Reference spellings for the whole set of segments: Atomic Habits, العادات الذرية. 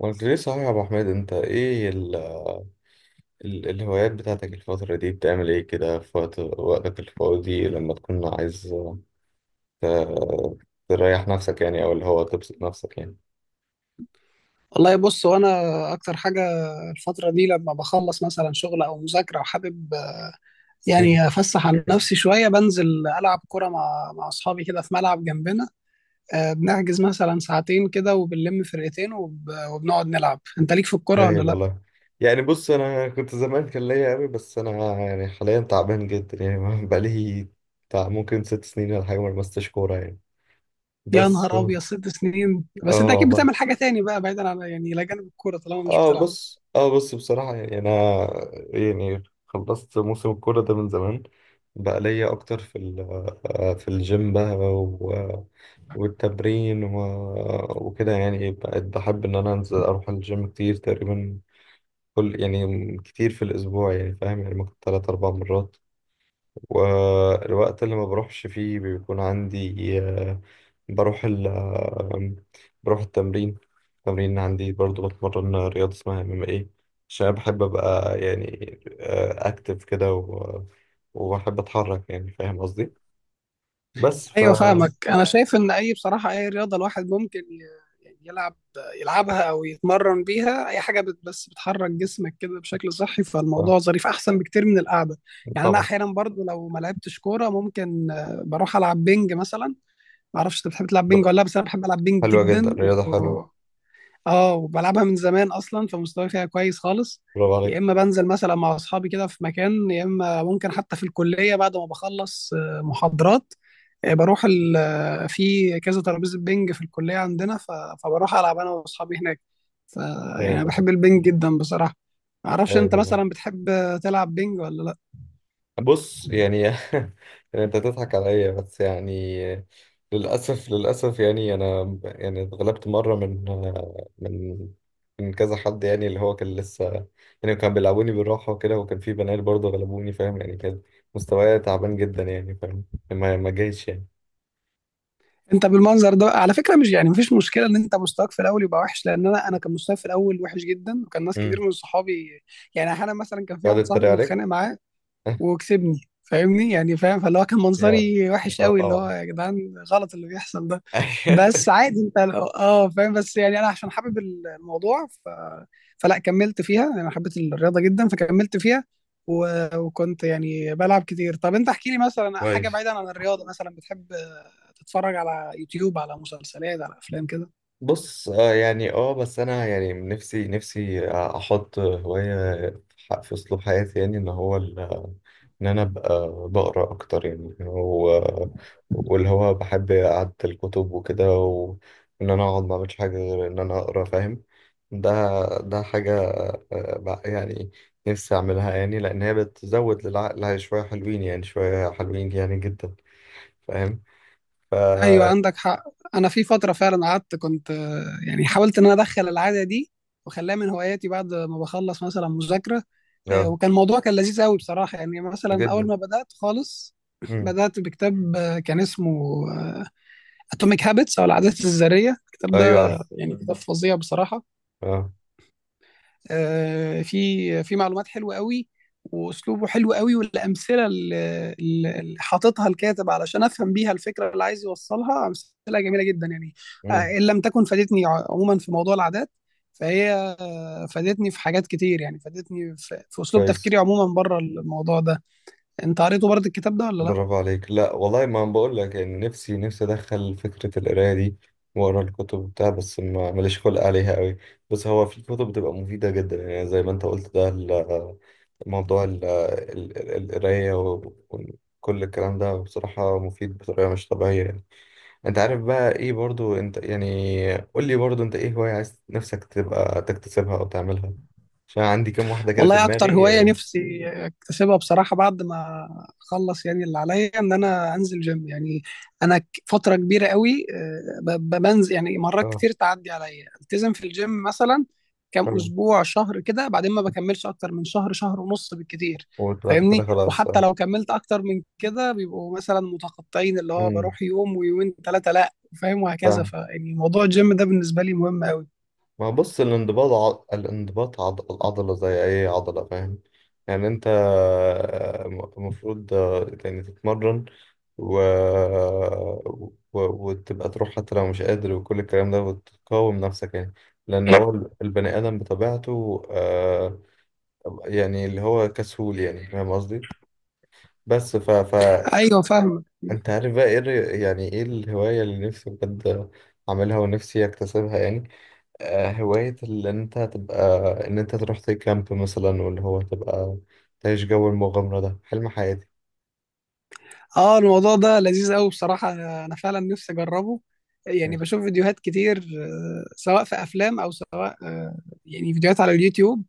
ما قلت ليه صحيح يا ابو حميد، انت ايه ال ال الهوايات بتاعتك الفترة دي؟ بتعمل ايه كده في وقتك الفاضي لما تكون عايز ت- تريح نفسك يعني، او اللي هو تبسط نفسك يعني؟ والله بص وانا اكتر حاجه الفتره دي لما بخلص مثلا شغل او مذاكره وحابب مم. يعني افسح عن نفسي شويه بنزل العب كره مع اصحابي كده في ملعب جنبنا. بنحجز مثلا ساعتين كده وبنلم فرقتين وبنقعد نلعب. انت ليك في الكره ولا هايل لا؟ والله. يعني بص، انا كنت زمان كان ليا قوي، بس انا يعني حاليا تعبان جدا يعني بقالي بتاع ممكن 6 سنين ولا حاجة ما لمستش كورة يعني، يا بس. نهار ابيض، 6 سنين؟ بس انت اه اكيد والله. بتعمل حاجه تاني بقى بعيدا عن، يعني الى جانب الكوره طالما مش اه بتلعب. بص اه بص بصراحة يعني أنا، يعني خلصت موسم الكورة ده من زمان، بقى ليا أكتر في ال- آه، في الجيم بقى، والتمرين وكده يعني، بقيت بحب إن أنا أنزل أروح الجيم كتير، تقريبا كل يعني كتير في الأسبوع يعني، فاهم؟ يعني ممكن 3 4 مرات. والوقت اللي ما بروحش فيه بيكون عندي بروح ال آه، بروح التمرين. التمرين عندي برضو بتمرن رياضة اسمها ام ام ايه عشان أنا بحب ابقى يعني اكتف كده وبحب اتحرك يعني، فاهم قصدي؟ بس ف, ايوه، فاهمك. انا شايف ان اي، بصراحه اي رياضه الواحد ممكن يعني يلعبها او يتمرن بيها، اي حاجه بس بتحرك جسمك كده بشكل صحي، ف... فالموضوع ظريف احسن بكتير من القعده. يعني انا طبعا. احيانا برضو لو ما لعبتش كوره ممكن بروح العب بينج مثلا. ما اعرفش انت بتحب تلعب بينج بر- ولا لا، بس انا بحب العب بينج حلوة جدا، جدا رياضة حلوة. اه، وبلعبها من زمان اصلا فمستواي فيها كويس خالص. برافو عليك. يا اما بنزل مثلا مع اصحابي كده في مكان، يا اما ممكن حتى في الكليه بعد ما بخلص محاضرات، آه، بروح ال... آه، في كذا ترابيزه بينج في الكليه عندنا فبروح العب انا واصحابي هناك. ف... يعني ايوه انا بابا. بحب البينج جدا بصراحه. ما اعرفش ايوه انت بابا. مثلا بتحب تلعب بينج ولا لا؟ بص يعني يعني انت تضحك عليا، بس يعني للاسف للاسف يعني انا يعني اتغلبت مره من من كذا حد، يعني اللي هو كان لسه يعني كان بيلعبوني بالراحه وكده، وكان في بنات برضه غلبوني، فاهم يعني؟ كان مستواي تعبان جدا يعني، فاهم؟ ما جايش يعني. انت بالمنظر ده على فكره مش، يعني مفيش مشكله ان انت مستواك في الاول يبقى وحش، لان انا كان مستواي في الاول وحش جدا، وكان ناس كتير امم من صحابي، يعني احيانا مثلا كان في يقعد واحد صاحبي يتريق متخانق عليك. معاه وكسبني، فاهمني؟ يعني فاهم؟ فاللي هو كان يا منظري وحش لا قوي، اللي هو طبعا. يا جدعان، غلط اللي بيحصل ده، بس عادي انت. اه، فاهم، بس يعني انا عشان حابب الموضوع فلا، كملت فيها، انا حبيت الرياضه جدا فكملت فيها و... وكنت يعني بلعب كتير. طب انت احكي لي مثلا حاجه كويس. بعيدا عن الرياضه، مثلا بتحب تتفرج على يوتيوب، على مسلسلات، على افلام كده؟ بص يعني، بس انا يعني نفسي احط هواية في اسلوب حياتي، يعني ان هو ان انا ابقى بقرا اكتر يعني، واللي هو بحب قعدة الكتب وكده، وان انا اقعد ما اعملش حاجة غير ان انا اقرا، فاهم؟ ده ده حاجة بقى يعني نفسي اعملها، يعني لان هي بتزود للعقل شوية حلوين يعني، شوية حلوين يعني جدا، فاهم؟ ف ايوه، مم. عندك حق. انا في فتره فعلا قعدت، كنت يعني حاولت ان انا ادخل العاده دي وخلاها من هواياتي، بعد ما بخلص مثلا مذاكره آه، وكان الموضوع كان لذيذ قوي بصراحة. يعني مثلا أول جدا. ما بدأت خالص مم. بدأت بكتاب كان اسمه اتوميك هابتس او العادات الذريه. الكتاب ايوه ده عارف. يعني كتاب فظيع بصراحه. اه. في معلومات حلوه قوي، واسلوبه حلو قوي، والامثله اللي حاططها الكاتب علشان افهم بيها الفكره اللي عايز يوصلها، امثله جميله جدا يعني. امم ان لم تكن فادتني عموما في موضوع العادات، فهي فادتني في حاجات كتير، يعني فادتني في اسلوب كويس. تفكيري عموما بره الموضوع ده. انت قريته برضه الكتاب ده ولا لا؟ برافو عليك. لا والله، ما بقول لك يعني نفسي ادخل فكره القرايه دي واقرا الكتب بتاع، بس ما ماليش خلق عليها قوي. بس هو في كتب بتبقى مفيده جدا، يعني زي ما انت قلت، ده موضوع القرايه وكل الكلام ده بصراحه مفيد بطريقه مش طبيعيه يعني. انت عارف بقى ايه برضو، انت يعني قول لي برضو، انت ايه هوايه عايز نفسك تبقى تكتسبها او تعملها؟ عشان عندي كام واحده كده في والله اكتر دماغي. هوايه نفسي اكتسبها بصراحه بعد ما اخلص يعني اللي عليا، ان انا انزل جيم يعني. انا فتره كبيره قوي بنزل يعني مرات اه. كتير تعدي عليا، التزم في الجيم مثلا كام آه، اسبوع، شهر كده، بعدين ما بكملش اكتر من شهر، شهر ونص بالكتير. وبعد كده فاهمني؟ خلاص. وحتى لو كملت اكتر من كده بيبقوا مثلا متقطعين، اللي هو امم بروح يوم ويومين ثلاثه لا، فاهم؟ وهكذا. فاهم. فيعني موضوع الجيم ده بالنسبه لي مهم قوي. ما بص، الانضباط العضلة زي أي عضلة، فاهم؟ يعني أنت المفروض يعني تتمرن و... وتبقى تروح حتى لو مش قادر، وكل الكلام ده، وتقاوم نفسك يعني، لأن هو البني آدم بطبيعته يعني اللي هو كسول، يعني فاهم قصدي؟ فأنت ايوه فاهم. عارف بقى إيه يعني إيه الهواية اللي نفسي بجد أعملها ونفسي أكتسبها يعني؟ هواية اللي انت تبقى ان انت تروح تكامب مثلا، واللي هو تبقى تعيش جو المغامرة. ده حلم حياتي. اه، الموضوع ده لذيذ قوي بصراحة، انا فعلا نفسي اجربه. يعني مم. بشوف فيديوهات كتير سواء في افلام، او سواء يعني فيديوهات على اليوتيوب.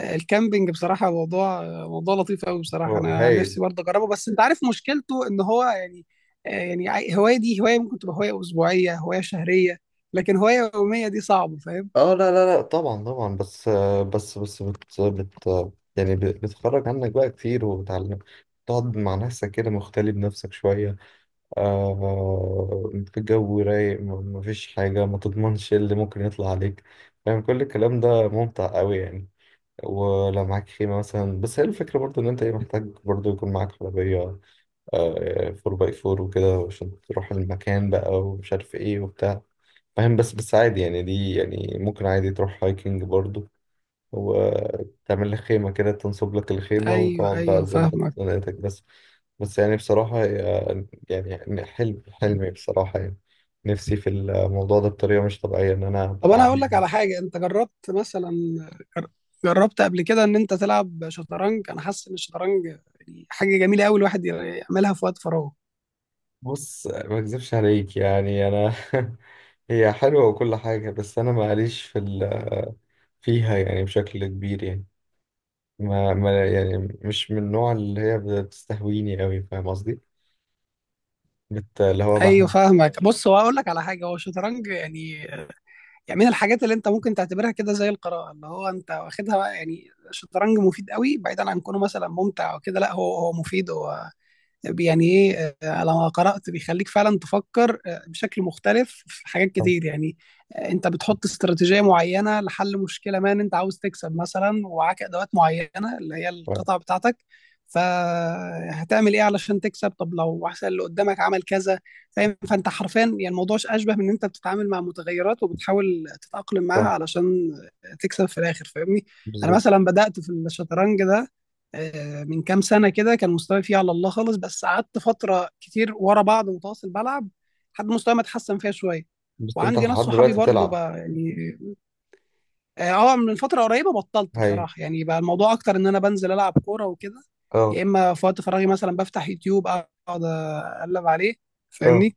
الكامبينج بصراحة موضوع موضوع لطيف قوي بصراحة، انا هايل. نفسي برضه اجربه، بس انت عارف مشكلته ان هو يعني يعني هواية دي هواية ممكن تبقى هواية اسبوعية، هواية شهرية، لكن هواية يومية دي صعبة، فاهم؟ اه لا لا لا طبعا طبعا، بس آه، بس بس بت, بت يعني بتخرج عنك بقى كتير، وبتعلم تقعد مع نفسك كده، مختلي بنفسك شوية، في جو رايق، مفيش حاجة ما تضمنش إيه اللي ممكن يطلع عليك، يعني كل الكلام ده ممتع قوي يعني. ولا معاك خيمة مثلا؟ بس هي الفكرة برضو إن أنت إيه، محتاج برضو يكون معاك عربية 4×4 وكده عشان تروح المكان بقى، ومش عارف إيه وبتاع، فاهم؟ بس عادي يعني، دي يعني ممكن عادي تروح هايكنج برضو وتعمل لك خيمة كده، تنصب لك الخيمة ايوه وتقعد بقى ايوه تظبط فاهمك. دنيتك بس يعني بصراحة يعني حلمي بصراحة يعني، نفسي في الموضوع ده بطريقة مش طبيعية إن أنا طب أبقى انا هقول لك عندي. على حاجه، انت جربت مثلا، جر- جربت قبل كده ان انت تلعب شطرنج؟ انا حاسس ان الشطرنج يعني حاجه جميله قوي الواحد يعملها في وقت فراغه. بص، ما أكذبش عليك يعني أنا هي حلوة وكل حاجة، بس أنا معليش فيها يعني بشكل كبير يعني، ما... ما يعني مش من النوع اللي هي بتستهويني أوي، فاهم قصدي؟ اللي هو ايوه، بحس. فاهمك. بص، هو هقول لك على حاجه، هو الشطرنج يعني من الحاجات اللي انت ممكن تعتبرها كده زي القراءه اللي هو انت واخدها بقى، يعني الشطرنج مفيد قوي بعيدا عن كونه مثلا ممتع او كده، لا، هو مفيد هو، يعني ايه؟ انا لما قرات بيخليك فعلا تفكر بشكل مختلف في حاجات كتير يعني. انت بتحط استراتيجيه معينه لحل مشكله ما، ان انت عاوز تكسب مثلا، ومعاك ادوات معينه اللي هي صح. القطع بتاعتك، فهتعمل ايه علشان تكسب؟ طب لو واحد اللي قدامك عمل كذا؟ فاهم؟ فانت حرفيا يعني الموضوع اشبه من ان انت بتتعامل مع متغيرات وبتحاول تتاقلم معاها صح علشان تكسب في الاخر، فاهمني؟ انا بالظبط. مثلا بدات في الشطرنج ده من كام سنة كده، كان مستواي فيه على الله خالص، بس قعدت فترة كتير ورا بعض متواصل بلعب لحد مستواي ما اتحسن فيها شوية. بس أنت وعندي ناس لحد صحابي دلوقتي برضو بتلعب؟ بقى يعني. اه، من فترة قريبة بطلت هاي. بصراحة، يعني بقى الموضوع أكتر إن أنا بنزل ألعب كورة وكده، اه. يا إما في وقت فراغي مثلا بفتح يوتيوب، أقعد أقلب عليه، اه فاهمني؟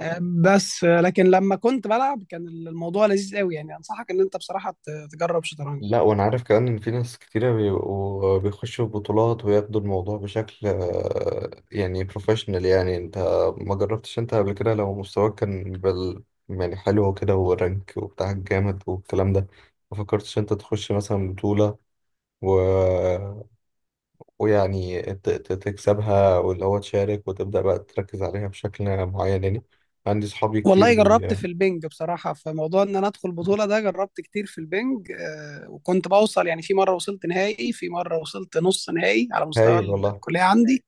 آه، بس آه، لكن لما كنت بلعب كان الموضوع لذيذ قوي، يعني أنصحك إن أنت بصراحة تجرب شطرنج. لا، وانا عارف كمان ان في ناس كتيرة بيبقوا بيخشوا بطولات وياخدوا الموضوع بشكل يعني بروفيشنال، يعني انت ما جربتش انت قبل كده؟ لو مستواك كان بال، يعني حلو كده ورانك وبتاعك جامد والكلام ده، ما فكرتش انت تخش مثلا بطولة و... ويعني تكسبها، واللي هو تشارك وتبدأ بقى تركز عليها بشكل معين يعني؟ عندي صحابي كتير والله جربت في البنج بصراحة، في موضوع إن أنا أدخل بطولة ده جربت كتير في البنج، وكنت بوصل يعني، في مرة وصلت نهائي، في مرة وصلت نص نهائي على مستوى هايل والله. الكلية عندي.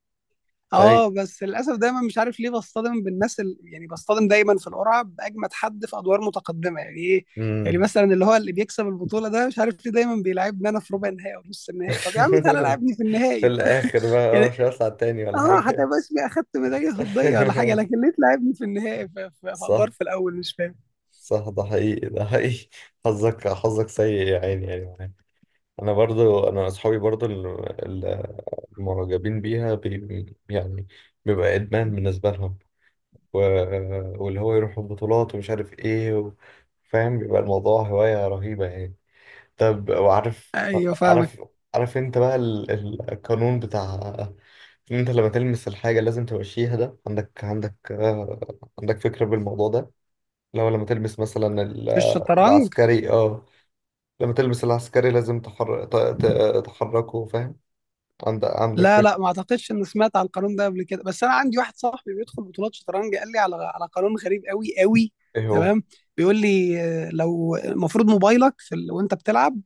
هايل. اه، بس للأسف دايما مش عارف ليه بصطدم بالناس يعني بصطدم دايما في القرعة بأجمد حد في أدوار متقدمة، يعني إيه؟ يعني مم. مثلا اللي هو اللي بيكسب البطولة ده مش عارف ليه دايما بيلعبني أنا في ربع النهائي أو نص النهائي؟ طب يا عم تعالى لعبني في في النهائي الاخر بقى اه يعني مش هطلع تاني ولا اه، حاجه. حتى بس أخدت ميدالية فضية ولا حاجة، لكن ليه تلعبني في النهائي في صح أدوار في الأول؟ مش فاهم. صح، ده حقيقي ده حقيقي. حظك حظك سيء يا عيني، يعني معايا. انا برضو، انا اصحابي برضو ال- المعجبين بيها يعني بيبقى ادمان بالنسبه لهم، و... واللي هو يروحوا بطولات ومش عارف ايه فاهم؟ بيبقى الموضوع هوايه رهيبه يعني. طب وعارف، ايوه فاهمك. عارف عارف انت بقى القانون بتاع ان انت لما تلمس الحاجة لازم تمشيها ده؟ عندك فكرة بالموضوع ده؟ لو لما تلمس مثلا في الشطرنج؟ العسكري، اه لما تلمس العسكري لازم تحركه، فاهم؟ عندك لا لا، فكرة؟ ما اعتقدش اني سمعت عن القانون ده قبل كده، بس انا عندي واحد صاحبي بيدخل بطولات شطرنج قال لي على قانون غريب قوي قوي. ايه هو؟ تمام. بيقول لي لو المفروض موبايلك في وانت بتلعب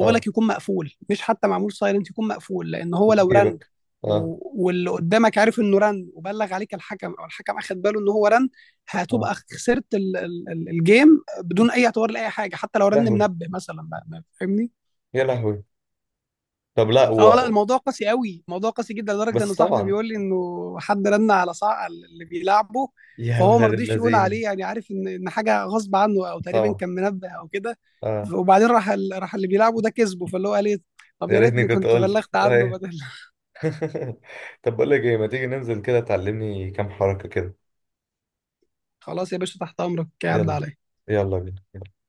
اه. يكون مقفول، مش حتى معمول سايلنت، يكون مقفول، لان هو وفي لو رن جيبك. اه و... واللي قدامك عارف انه رن، وبلغ عليك الحكم، او الحكم اخد باله ان هو رن، اه. هتبقى خسرت الجيم بدون اي اعتبار لاي حاجه، حتى لو رن لهوي منبه مثلا فاهمني؟ يا لهوي. طب لا اه لا، الموضوع قاسي قوي، الموضوع قاسي جدا، لدرجه ان بس صاحبي طبعا. بيقول لي انه حد رن على صاع اللي بيلعبه، يا فهو ما ولاد رضيش يقول الذين. عليه يعني، عارف ان حاجه غصب عنه، او تقريبا طبعا. كان منبه او كده، اه. وبعدين راح راح اللي بيلعبه ده كسبه، فاللي هو قال ايه؟ طب يا يا ريتني ريتني كنت كنت قلت بلغت عنه أيوه. بدل طب بقول لك ايه، ما تيجي ننزل كده تعلمني كام حركة كده. خلاص يا باشا، تحت امرك، عدى يلا. عليا. يلا بينا.